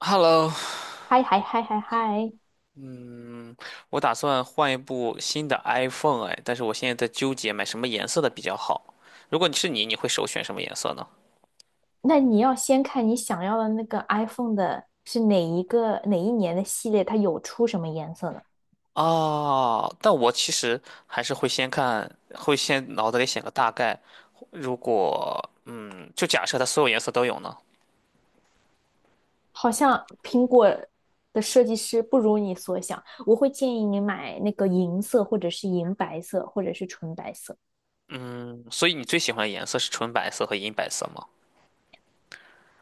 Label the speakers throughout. Speaker 1: Hello，
Speaker 2: 嗨嗨嗨嗨嗨，
Speaker 1: 嗯，我打算换一部新的 iPhone 哎，但是我现在在纠结买什么颜色的比较好。如果你是你，你会首选什么颜色呢？
Speaker 2: 那你要先看你想要的那个 iPhone 的是哪一个哪一年的系列，它有出什么颜色呢？
Speaker 1: 哦，但我其实还是会先看，会先脑子里想个大概。如果就假设它所有颜色都有呢，
Speaker 2: 好像苹果的设计师不如你所想，我会建议你买那个银色，或者是银白色，或者是纯白色。
Speaker 1: 所以你最喜欢的颜色是纯白色和银白色吗？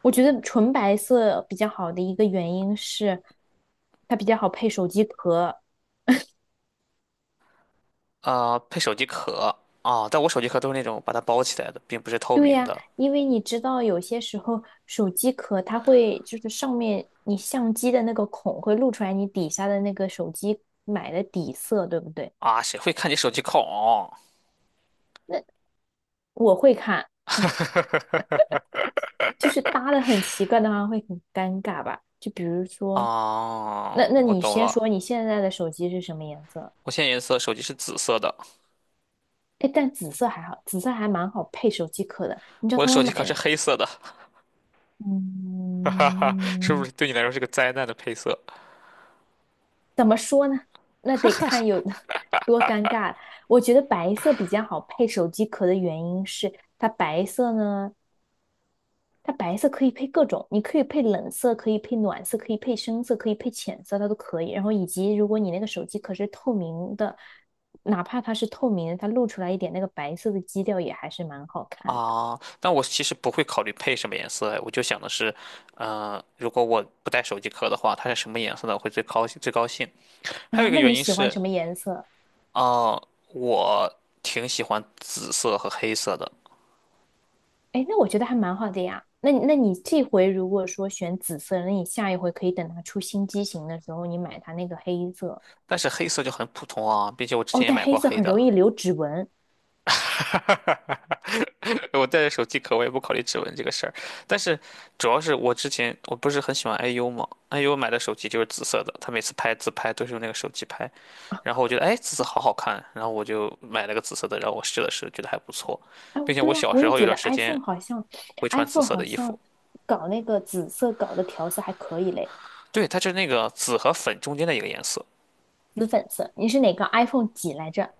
Speaker 2: 我觉得纯白色比较好的一个原因是，它比较好配手机壳，
Speaker 1: 配手机壳啊，但我手机壳都是那种把它包起来的，并不是透
Speaker 2: 对
Speaker 1: 明
Speaker 2: 呀，
Speaker 1: 的
Speaker 2: 因为你知道，有些时候手机壳它会就是上面你相机的那个孔会露出来你底下的那个手机买的底色，对不对？
Speaker 1: 啊，谁会看你手机壳？
Speaker 2: 那我会看，就是搭的很奇怪的话会很尴尬吧？就比如说，
Speaker 1: 啊，
Speaker 2: 那
Speaker 1: 我
Speaker 2: 你
Speaker 1: 懂
Speaker 2: 先说
Speaker 1: 了。
Speaker 2: 你现在的手机是什么颜色？
Speaker 1: 我现在颜色手机是紫色的，
Speaker 2: 哎，但紫色还好，紫色还蛮好配手机壳的。你知道
Speaker 1: 我的
Speaker 2: 他们
Speaker 1: 手机壳
Speaker 2: 买
Speaker 1: 是
Speaker 2: 的
Speaker 1: 黑色的，是不
Speaker 2: 嗯。
Speaker 1: 是对你来说是个灾难的配色
Speaker 2: 怎么说呢？那得看有 多尴尬。我觉得白色比较好配手机壳的原因是，它白色呢，它白色可以配各种，你可以配冷色，可以配暖色，可以配深色，可以配浅色，它都可以。然后以及如果你那个手机壳是透明的，哪怕它是透明的，它露出来一点那个白色的基调也还是蛮好看的。
Speaker 1: 啊？但我其实不会考虑配什么颜色，哎我就想的是，如果我不带手机壳的话，它是什么颜色的我会最高兴最高兴。
Speaker 2: 然
Speaker 1: 还有一
Speaker 2: 后，
Speaker 1: 个
Speaker 2: 那
Speaker 1: 原
Speaker 2: 你
Speaker 1: 因
Speaker 2: 喜欢
Speaker 1: 是，
Speaker 2: 什么颜色？
Speaker 1: 啊，我挺喜欢紫色和黑色的，
Speaker 2: 哎，那我觉得还蛮好的呀。那你那你这回如果说选紫色，那你下一回可以等它出新机型的时候，你买它那个黑色。
Speaker 1: 但是黑色就很普通啊，并且我之
Speaker 2: 哦，
Speaker 1: 前也
Speaker 2: 但
Speaker 1: 买
Speaker 2: 黑
Speaker 1: 过
Speaker 2: 色
Speaker 1: 黑
Speaker 2: 很
Speaker 1: 的。
Speaker 2: 容易留指纹。
Speaker 1: 我带着手机壳，我也不考虑指纹这个事儿。但是主要是我之前我不是很喜欢 IU 嘛，IU 买的手机就是紫色的，他每次拍自拍都是用那个手机拍。然后我觉得哎，紫色好好看，然后我就买了个紫色的，然后我试了试，觉得还不错，
Speaker 2: 哎，
Speaker 1: 并且我
Speaker 2: 对呀，
Speaker 1: 小
Speaker 2: 我
Speaker 1: 时
Speaker 2: 也
Speaker 1: 候有
Speaker 2: 觉
Speaker 1: 段
Speaker 2: 得
Speaker 1: 时间
Speaker 2: iPhone 好像
Speaker 1: 会穿紫
Speaker 2: ，iPhone
Speaker 1: 色
Speaker 2: 好
Speaker 1: 的衣服。
Speaker 2: 像搞那个紫色搞的调色还可以嘞，
Speaker 1: 对，它就是那个紫和粉中间的一个颜色。
Speaker 2: 紫粉色。你是哪个 iPhone 几来着？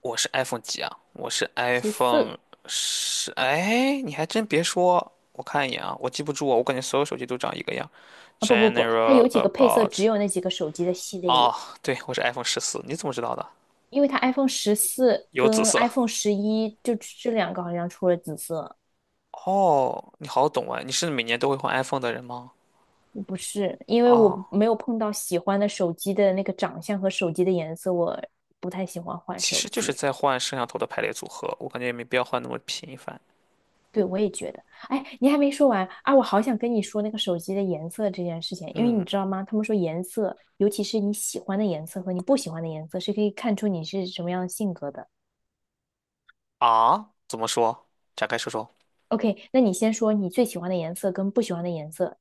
Speaker 1: 我是 iPhone 几啊？我是
Speaker 2: 十四
Speaker 1: iPhone 十。哎，你还真别说，我看一眼啊，我记不住啊，我感觉所有手机都长一个样。
Speaker 2: 啊？不不不，它
Speaker 1: General
Speaker 2: 有几个配色
Speaker 1: about
Speaker 2: 只有那几个手机的系列有，
Speaker 1: 哦，对，我是 iPhone 十四，你怎么知道的？
Speaker 2: 因为它 iPhone 14
Speaker 1: 有紫
Speaker 2: 跟
Speaker 1: 色。
Speaker 2: iPhone 11就这两个好像出了紫色。
Speaker 1: 哦，你好懂啊，你是每年都会换 iPhone 的人吗？
Speaker 2: 不是，因为
Speaker 1: 哦，
Speaker 2: 我没有碰到喜欢的手机的那个长相和手机的颜色，我不太喜欢换
Speaker 1: 其
Speaker 2: 手
Speaker 1: 实就
Speaker 2: 机。
Speaker 1: 是在换摄像头的排列组合，我感觉也没必要换那么频繁。
Speaker 2: 对，我也觉得。哎，你还没说完啊！我好想跟你说那个手机的颜色这件事情，因为你
Speaker 1: 嗯
Speaker 2: 知道吗？他们说颜色，尤其是你喜欢的颜色和你不喜欢的颜色，是可以看出你是什么样的性格的。
Speaker 1: 啊，怎么说？展开说说。
Speaker 2: OK，那你先说你最喜欢的颜色跟不喜欢的颜色。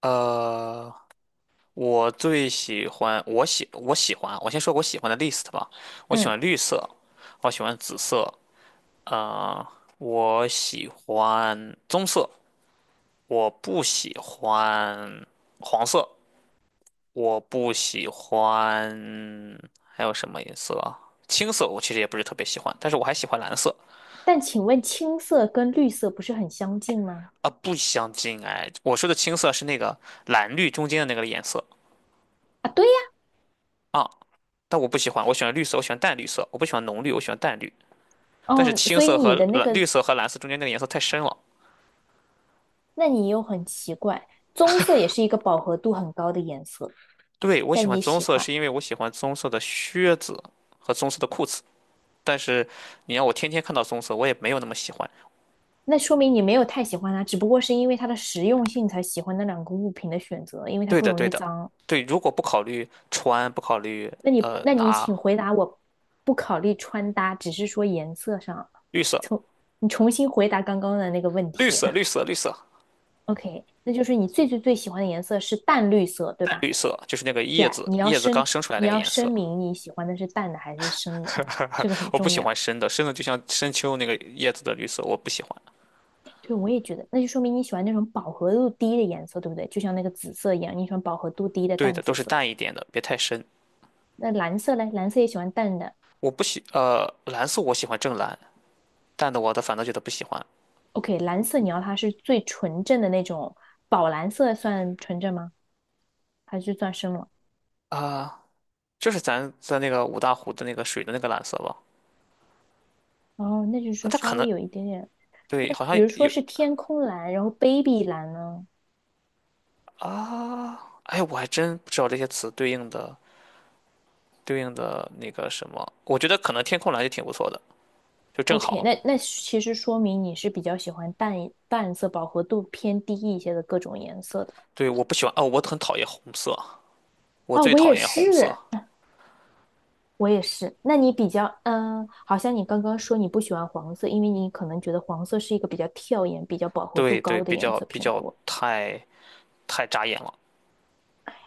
Speaker 1: 呃。我最喜欢，我喜欢，我先说我喜欢的 list 吧。我喜
Speaker 2: 嗯，
Speaker 1: 欢绿色，我喜欢紫色，呃，我喜欢棕色，我不喜欢黄色，我不喜欢还有什么颜色啊？青色我其实也不是特别喜欢，但是我还喜欢蓝色
Speaker 2: 但请问青色跟绿色不是很相近吗？
Speaker 1: 啊，不相近哎。我说的青色是那个蓝绿中间的那个颜色
Speaker 2: 啊，对呀。
Speaker 1: 啊，但我不喜欢，我喜欢绿色，我喜欢淡绿色，我不喜欢浓绿，我喜欢淡绿。但是
Speaker 2: 哦，
Speaker 1: 青
Speaker 2: 所以
Speaker 1: 色和
Speaker 2: 你的那
Speaker 1: 蓝、绿
Speaker 2: 个
Speaker 1: 色和蓝色中间那个颜色太深了。
Speaker 2: 那你又很奇怪，棕色也是一个饱和度很高的颜色，
Speaker 1: 对，我喜
Speaker 2: 但
Speaker 1: 欢
Speaker 2: 你
Speaker 1: 棕
Speaker 2: 喜
Speaker 1: 色，
Speaker 2: 欢，
Speaker 1: 是因为我喜欢棕色的靴子和棕色的裤子。但是你让我天天看到棕色，我也没有那么喜欢。
Speaker 2: 那说明你没有太喜欢它，只不过是因为它的实用性才喜欢那两个物品的选择，因为它
Speaker 1: 对
Speaker 2: 不
Speaker 1: 的，
Speaker 2: 容
Speaker 1: 对
Speaker 2: 易
Speaker 1: 的，
Speaker 2: 脏。
Speaker 1: 对。如果不考虑穿，不考虑
Speaker 2: 那你，
Speaker 1: 呃
Speaker 2: 那你
Speaker 1: 拿
Speaker 2: 请回答我，不考虑穿搭，只是说颜色上，
Speaker 1: 绿色、
Speaker 2: 重你重新回答刚刚的那个问
Speaker 1: 绿
Speaker 2: 题。
Speaker 1: 色、绿色、绿色、
Speaker 2: OK,那就是你最最最喜欢的颜色是淡绿色，对
Speaker 1: 淡
Speaker 2: 吧
Speaker 1: 绿色，就是那个叶
Speaker 2: ？Yeah,
Speaker 1: 子
Speaker 2: 你要
Speaker 1: 叶子
Speaker 2: 声
Speaker 1: 刚生出来
Speaker 2: 你
Speaker 1: 那个
Speaker 2: 要
Speaker 1: 颜
Speaker 2: 声
Speaker 1: 色，
Speaker 2: 明你喜欢的是淡的还是深的，这个很
Speaker 1: 我不
Speaker 2: 重
Speaker 1: 喜
Speaker 2: 要。
Speaker 1: 欢深的，深的就像深秋那个叶子的绿色，我不喜欢。
Speaker 2: 对，我也觉得，那就说明你喜欢那种饱和度低的颜色，对不对？就像那个紫色一样，你喜欢饱和度低的
Speaker 1: 对
Speaker 2: 淡
Speaker 1: 的，都
Speaker 2: 紫
Speaker 1: 是
Speaker 2: 色。
Speaker 1: 淡一点的，别太深。
Speaker 2: 那蓝色嘞，蓝色也喜欢淡的。
Speaker 1: 我不喜蓝色，我喜欢正蓝。淡的我的反倒觉得不喜欢
Speaker 2: OK,蓝色你要它是最纯正的那种，宝蓝色算纯正吗？还是算深了？
Speaker 1: 啊，就是咱在那个五大湖的那个水的那个蓝色吧，
Speaker 2: 哦，那就是
Speaker 1: 啊，
Speaker 2: 说
Speaker 1: 它
Speaker 2: 稍
Speaker 1: 可能
Speaker 2: 微有一点点。
Speaker 1: 对，
Speaker 2: 那
Speaker 1: 好
Speaker 2: 比
Speaker 1: 像
Speaker 2: 如说
Speaker 1: 有，
Speaker 2: 是天空蓝，然后 baby 蓝呢
Speaker 1: 哎，我还真不知道这些词对应的那个什么，我觉得可能天空蓝就挺不错的，就正
Speaker 2: ？OK,
Speaker 1: 好。
Speaker 2: 那那其实说明你是比较喜欢淡色、饱和度偏低一些的各种颜色的。
Speaker 1: 对，我不喜欢哦，我很讨厌红色，我
Speaker 2: 哦，
Speaker 1: 最
Speaker 2: 我
Speaker 1: 讨
Speaker 2: 也
Speaker 1: 厌红色。
Speaker 2: 是。我也是。那你比较，嗯，好像你刚刚说你不喜欢黄色，因为你可能觉得黄色是一个比较跳眼、比较饱和度
Speaker 1: 对对，
Speaker 2: 高的
Speaker 1: 比
Speaker 2: 颜
Speaker 1: 较
Speaker 2: 色
Speaker 1: 比
Speaker 2: 偏
Speaker 1: 较
Speaker 2: 多。
Speaker 1: 太扎眼了。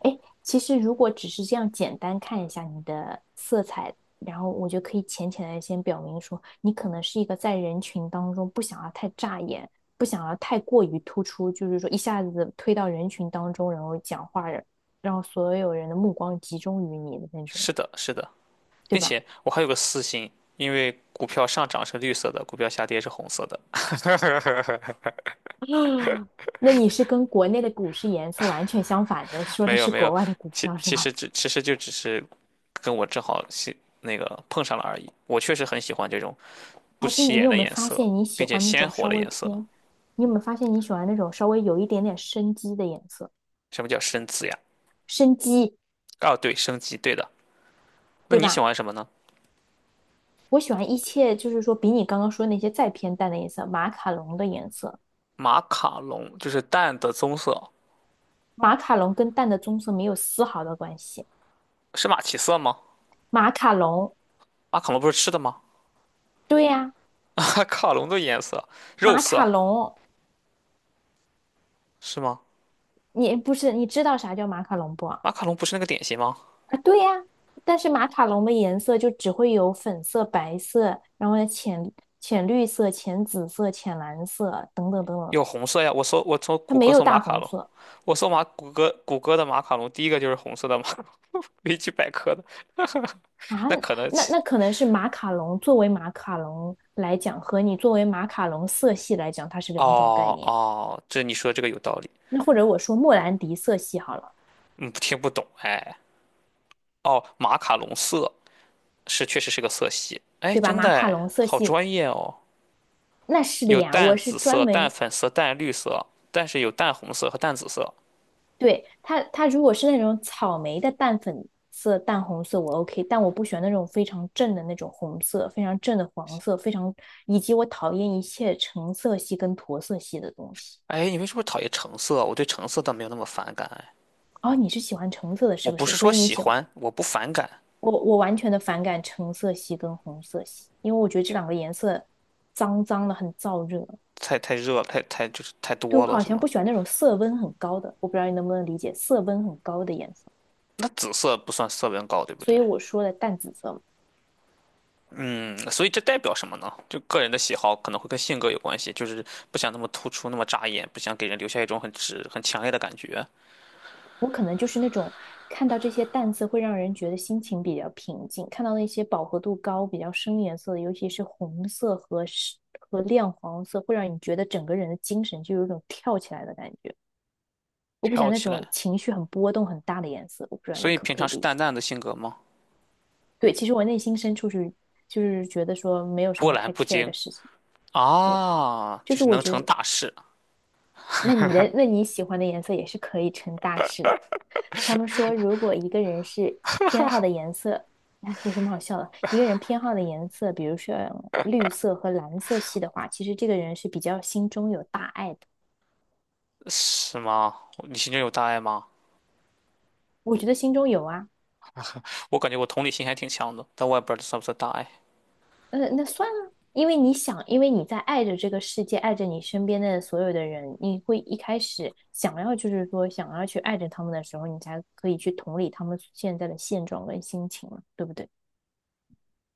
Speaker 2: 哎，其实如果只是这样简单看一下你的色彩，然后我就可以浅浅的先表明说，你可能是一个在人群当中不想要太扎眼，不想要太过于突出，就是说一下子推到人群当中，然后讲话，让所有人的目光集中于你的那种
Speaker 1: 是
Speaker 2: 人，
Speaker 1: 的，是的，
Speaker 2: 对
Speaker 1: 并
Speaker 2: 吧？
Speaker 1: 且我还有个私心，因为股票上涨是绿色的，股票下跌是红色的，
Speaker 2: 啊，那你是跟国内的股市颜色完全相反的，说的
Speaker 1: 没有
Speaker 2: 是
Speaker 1: 没
Speaker 2: 国
Speaker 1: 有，
Speaker 2: 外的股
Speaker 1: 其
Speaker 2: 票是
Speaker 1: 其
Speaker 2: 吗？
Speaker 1: 实只其实就只是跟我正好是那个碰上了而已。我确实很喜欢这种不
Speaker 2: 而且
Speaker 1: 起
Speaker 2: 你
Speaker 1: 眼
Speaker 2: 有
Speaker 1: 的
Speaker 2: 没有
Speaker 1: 颜
Speaker 2: 发
Speaker 1: 色，
Speaker 2: 现你喜
Speaker 1: 并且
Speaker 2: 欢那
Speaker 1: 鲜
Speaker 2: 种
Speaker 1: 活
Speaker 2: 稍
Speaker 1: 的
Speaker 2: 微
Speaker 1: 颜色。
Speaker 2: 偏，你有没有发现你喜欢那种稍微有一点点生机的颜色，
Speaker 1: 什么叫深紫呀？
Speaker 2: 生机，
Speaker 1: 哦，对，升级，对的。那
Speaker 2: 对
Speaker 1: 你喜
Speaker 2: 吧？
Speaker 1: 欢什么呢？
Speaker 2: 我喜欢一切就是说比你刚刚说那些再偏淡的颜色，马卡龙的颜色，
Speaker 1: 马卡龙就是淡的棕色，
Speaker 2: 马卡龙跟淡的棕色没有丝毫的关系。
Speaker 1: 是马其色吗？
Speaker 2: 马卡龙，
Speaker 1: 马卡龙不是吃的吗？
Speaker 2: 对呀，
Speaker 1: 马卡龙的颜色，肉
Speaker 2: 马卡
Speaker 1: 色
Speaker 2: 龙，
Speaker 1: 是吗？
Speaker 2: 你不是你知道啥叫马卡龙不？
Speaker 1: 马卡龙不是那个点心吗？
Speaker 2: 啊，对呀，但是马卡龙的颜色就只会有粉色、白色，然后呢浅绿色、浅紫色、浅蓝色等等等等，
Speaker 1: 有红色呀，我从
Speaker 2: 它
Speaker 1: 谷
Speaker 2: 没
Speaker 1: 歌
Speaker 2: 有
Speaker 1: 搜马
Speaker 2: 大
Speaker 1: 卡
Speaker 2: 红
Speaker 1: 龙，
Speaker 2: 色
Speaker 1: 我搜马谷歌的马卡龙，第一个就是红色的马卡龙，维基百科的。
Speaker 2: 啊。
Speaker 1: 那可能
Speaker 2: 那
Speaker 1: 其
Speaker 2: 那可能是马卡龙作为马卡龙来讲，和你作为马卡龙色系来讲，它是两种概
Speaker 1: 哦
Speaker 2: 念。
Speaker 1: 哦，这你说这个有道理，
Speaker 2: 那或者我说莫兰迪色系好了，
Speaker 1: 嗯，听不懂哎。哦，马卡龙色是确实是个色系，哎，
Speaker 2: 对吧？
Speaker 1: 真
Speaker 2: 马
Speaker 1: 的
Speaker 2: 卡
Speaker 1: 哎，
Speaker 2: 龙色
Speaker 1: 好
Speaker 2: 系
Speaker 1: 专业哦。
Speaker 2: 那是的
Speaker 1: 有
Speaker 2: 呀，
Speaker 1: 淡
Speaker 2: 我是
Speaker 1: 紫
Speaker 2: 专
Speaker 1: 色、淡
Speaker 2: 门
Speaker 1: 粉色、淡绿色，但是有淡红色和淡紫色。
Speaker 2: 对，它，它如果是那种草莓的淡粉色、淡红色，我 OK,但我不喜欢那种非常正的那种红色，非常正的黄色，非常，以及我讨厌一切橙色系跟驼色系的东西。
Speaker 1: 哎，你为什么讨厌橙色？我对橙色倒没有那么反感哎。
Speaker 2: 哦，你是喜欢橙色的，是
Speaker 1: 我
Speaker 2: 不
Speaker 1: 不
Speaker 2: 是？
Speaker 1: 是
Speaker 2: 所
Speaker 1: 说
Speaker 2: 以你
Speaker 1: 喜
Speaker 2: 喜欢
Speaker 1: 欢，我不反感，
Speaker 2: 我完全的反感橙色系跟红色系，因为我觉得这两个颜色脏脏的，很燥热。
Speaker 1: 太热了，太就是太
Speaker 2: 对，我
Speaker 1: 多了，
Speaker 2: 好
Speaker 1: 是
Speaker 2: 像
Speaker 1: 吗？
Speaker 2: 不喜欢那种色温很高的，我不知道你能不能理解色温很高的颜色，
Speaker 1: 那紫色不算色温高，对不
Speaker 2: 所
Speaker 1: 对？
Speaker 2: 以我说的淡紫色嘛。
Speaker 1: 那所以这代表什么呢？就个人的喜好可能会跟性格有关系，就是不想那么突出，那么扎眼，不想给人留下一种很直、很强烈的感觉。
Speaker 2: 我可能就是那种看到这些淡色会让人觉得心情比较平静，看到那些饱和度高、比较深颜色的，尤其是红色和和亮黄色，会让你觉得整个人的精神就有一种跳起来的感觉。我不喜
Speaker 1: 跳
Speaker 2: 欢那
Speaker 1: 起
Speaker 2: 种
Speaker 1: 来，
Speaker 2: 情绪很波动很大的颜色，我不知道
Speaker 1: 所
Speaker 2: 你
Speaker 1: 以
Speaker 2: 可
Speaker 1: 平
Speaker 2: 不可
Speaker 1: 常
Speaker 2: 以
Speaker 1: 是
Speaker 2: 理解。
Speaker 1: 淡淡的性格吗？
Speaker 2: 对，其实我内心深处是就是觉得说没有什
Speaker 1: 波
Speaker 2: 么
Speaker 1: 澜
Speaker 2: 太
Speaker 1: 不
Speaker 2: care
Speaker 1: 惊
Speaker 2: 的事情。对，
Speaker 1: 啊，
Speaker 2: 就
Speaker 1: 就
Speaker 2: 是
Speaker 1: 是
Speaker 2: 我
Speaker 1: 能
Speaker 2: 觉
Speaker 1: 成
Speaker 2: 得
Speaker 1: 大事，
Speaker 2: 那你的那你喜欢的颜色也是可以成大事的。他们说，如果一个人是偏好的颜色，哎有什么好笑的？一个人偏好的颜色，比如说绿色和蓝色系的话，其实这个人是比较心中有大爱的。
Speaker 1: 是吗？你心中有大爱吗？
Speaker 2: 我觉得心中有啊，
Speaker 1: 我感觉我同理心还挺强的，但我也不知道这算不算大爱。
Speaker 2: 呃，那算了，因为你想，因为你在爱着这个世界，爱着你身边的所有的人，你会一开始想要就是说想要去爱着他们的时候，你才可以去同理他们现在的现状跟心情嘛，对不对？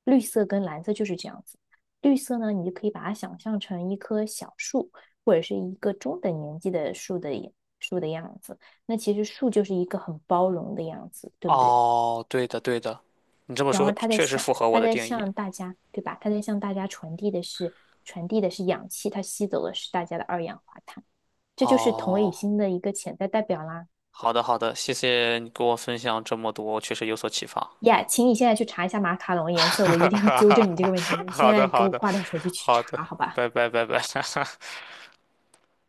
Speaker 2: 绿色跟蓝色就是这样子。绿色呢，你就可以把它想象成一棵小树，或者是一个中等年纪的树的样子。那其实树就是一个很包容的样子，对不对？
Speaker 1: 哦，对的对的，你这么
Speaker 2: 然
Speaker 1: 说
Speaker 2: 后它在
Speaker 1: 确实
Speaker 2: 向
Speaker 1: 符合我
Speaker 2: 它
Speaker 1: 的
Speaker 2: 在
Speaker 1: 定义。
Speaker 2: 向大家，对吧？它在向大家传递的是氧气，它吸走的是大家的二氧化碳，这就是同理
Speaker 1: 哦，
Speaker 2: 心的一个潜在代表啦。
Speaker 1: 好的好的，谢谢你给我分享这么多，确实有所启发。
Speaker 2: 呀 yeah, 请你现在去查一下马卡龙颜色，我 一
Speaker 1: 哈
Speaker 2: 定要
Speaker 1: 哈
Speaker 2: 纠
Speaker 1: 哈，
Speaker 2: 正你这个问题。你现
Speaker 1: 好
Speaker 2: 在
Speaker 1: 的，
Speaker 2: 给
Speaker 1: 好
Speaker 2: 我
Speaker 1: 的，
Speaker 2: 挂掉手机去
Speaker 1: 好的，
Speaker 2: 查，好吧？
Speaker 1: 拜拜，拜拜。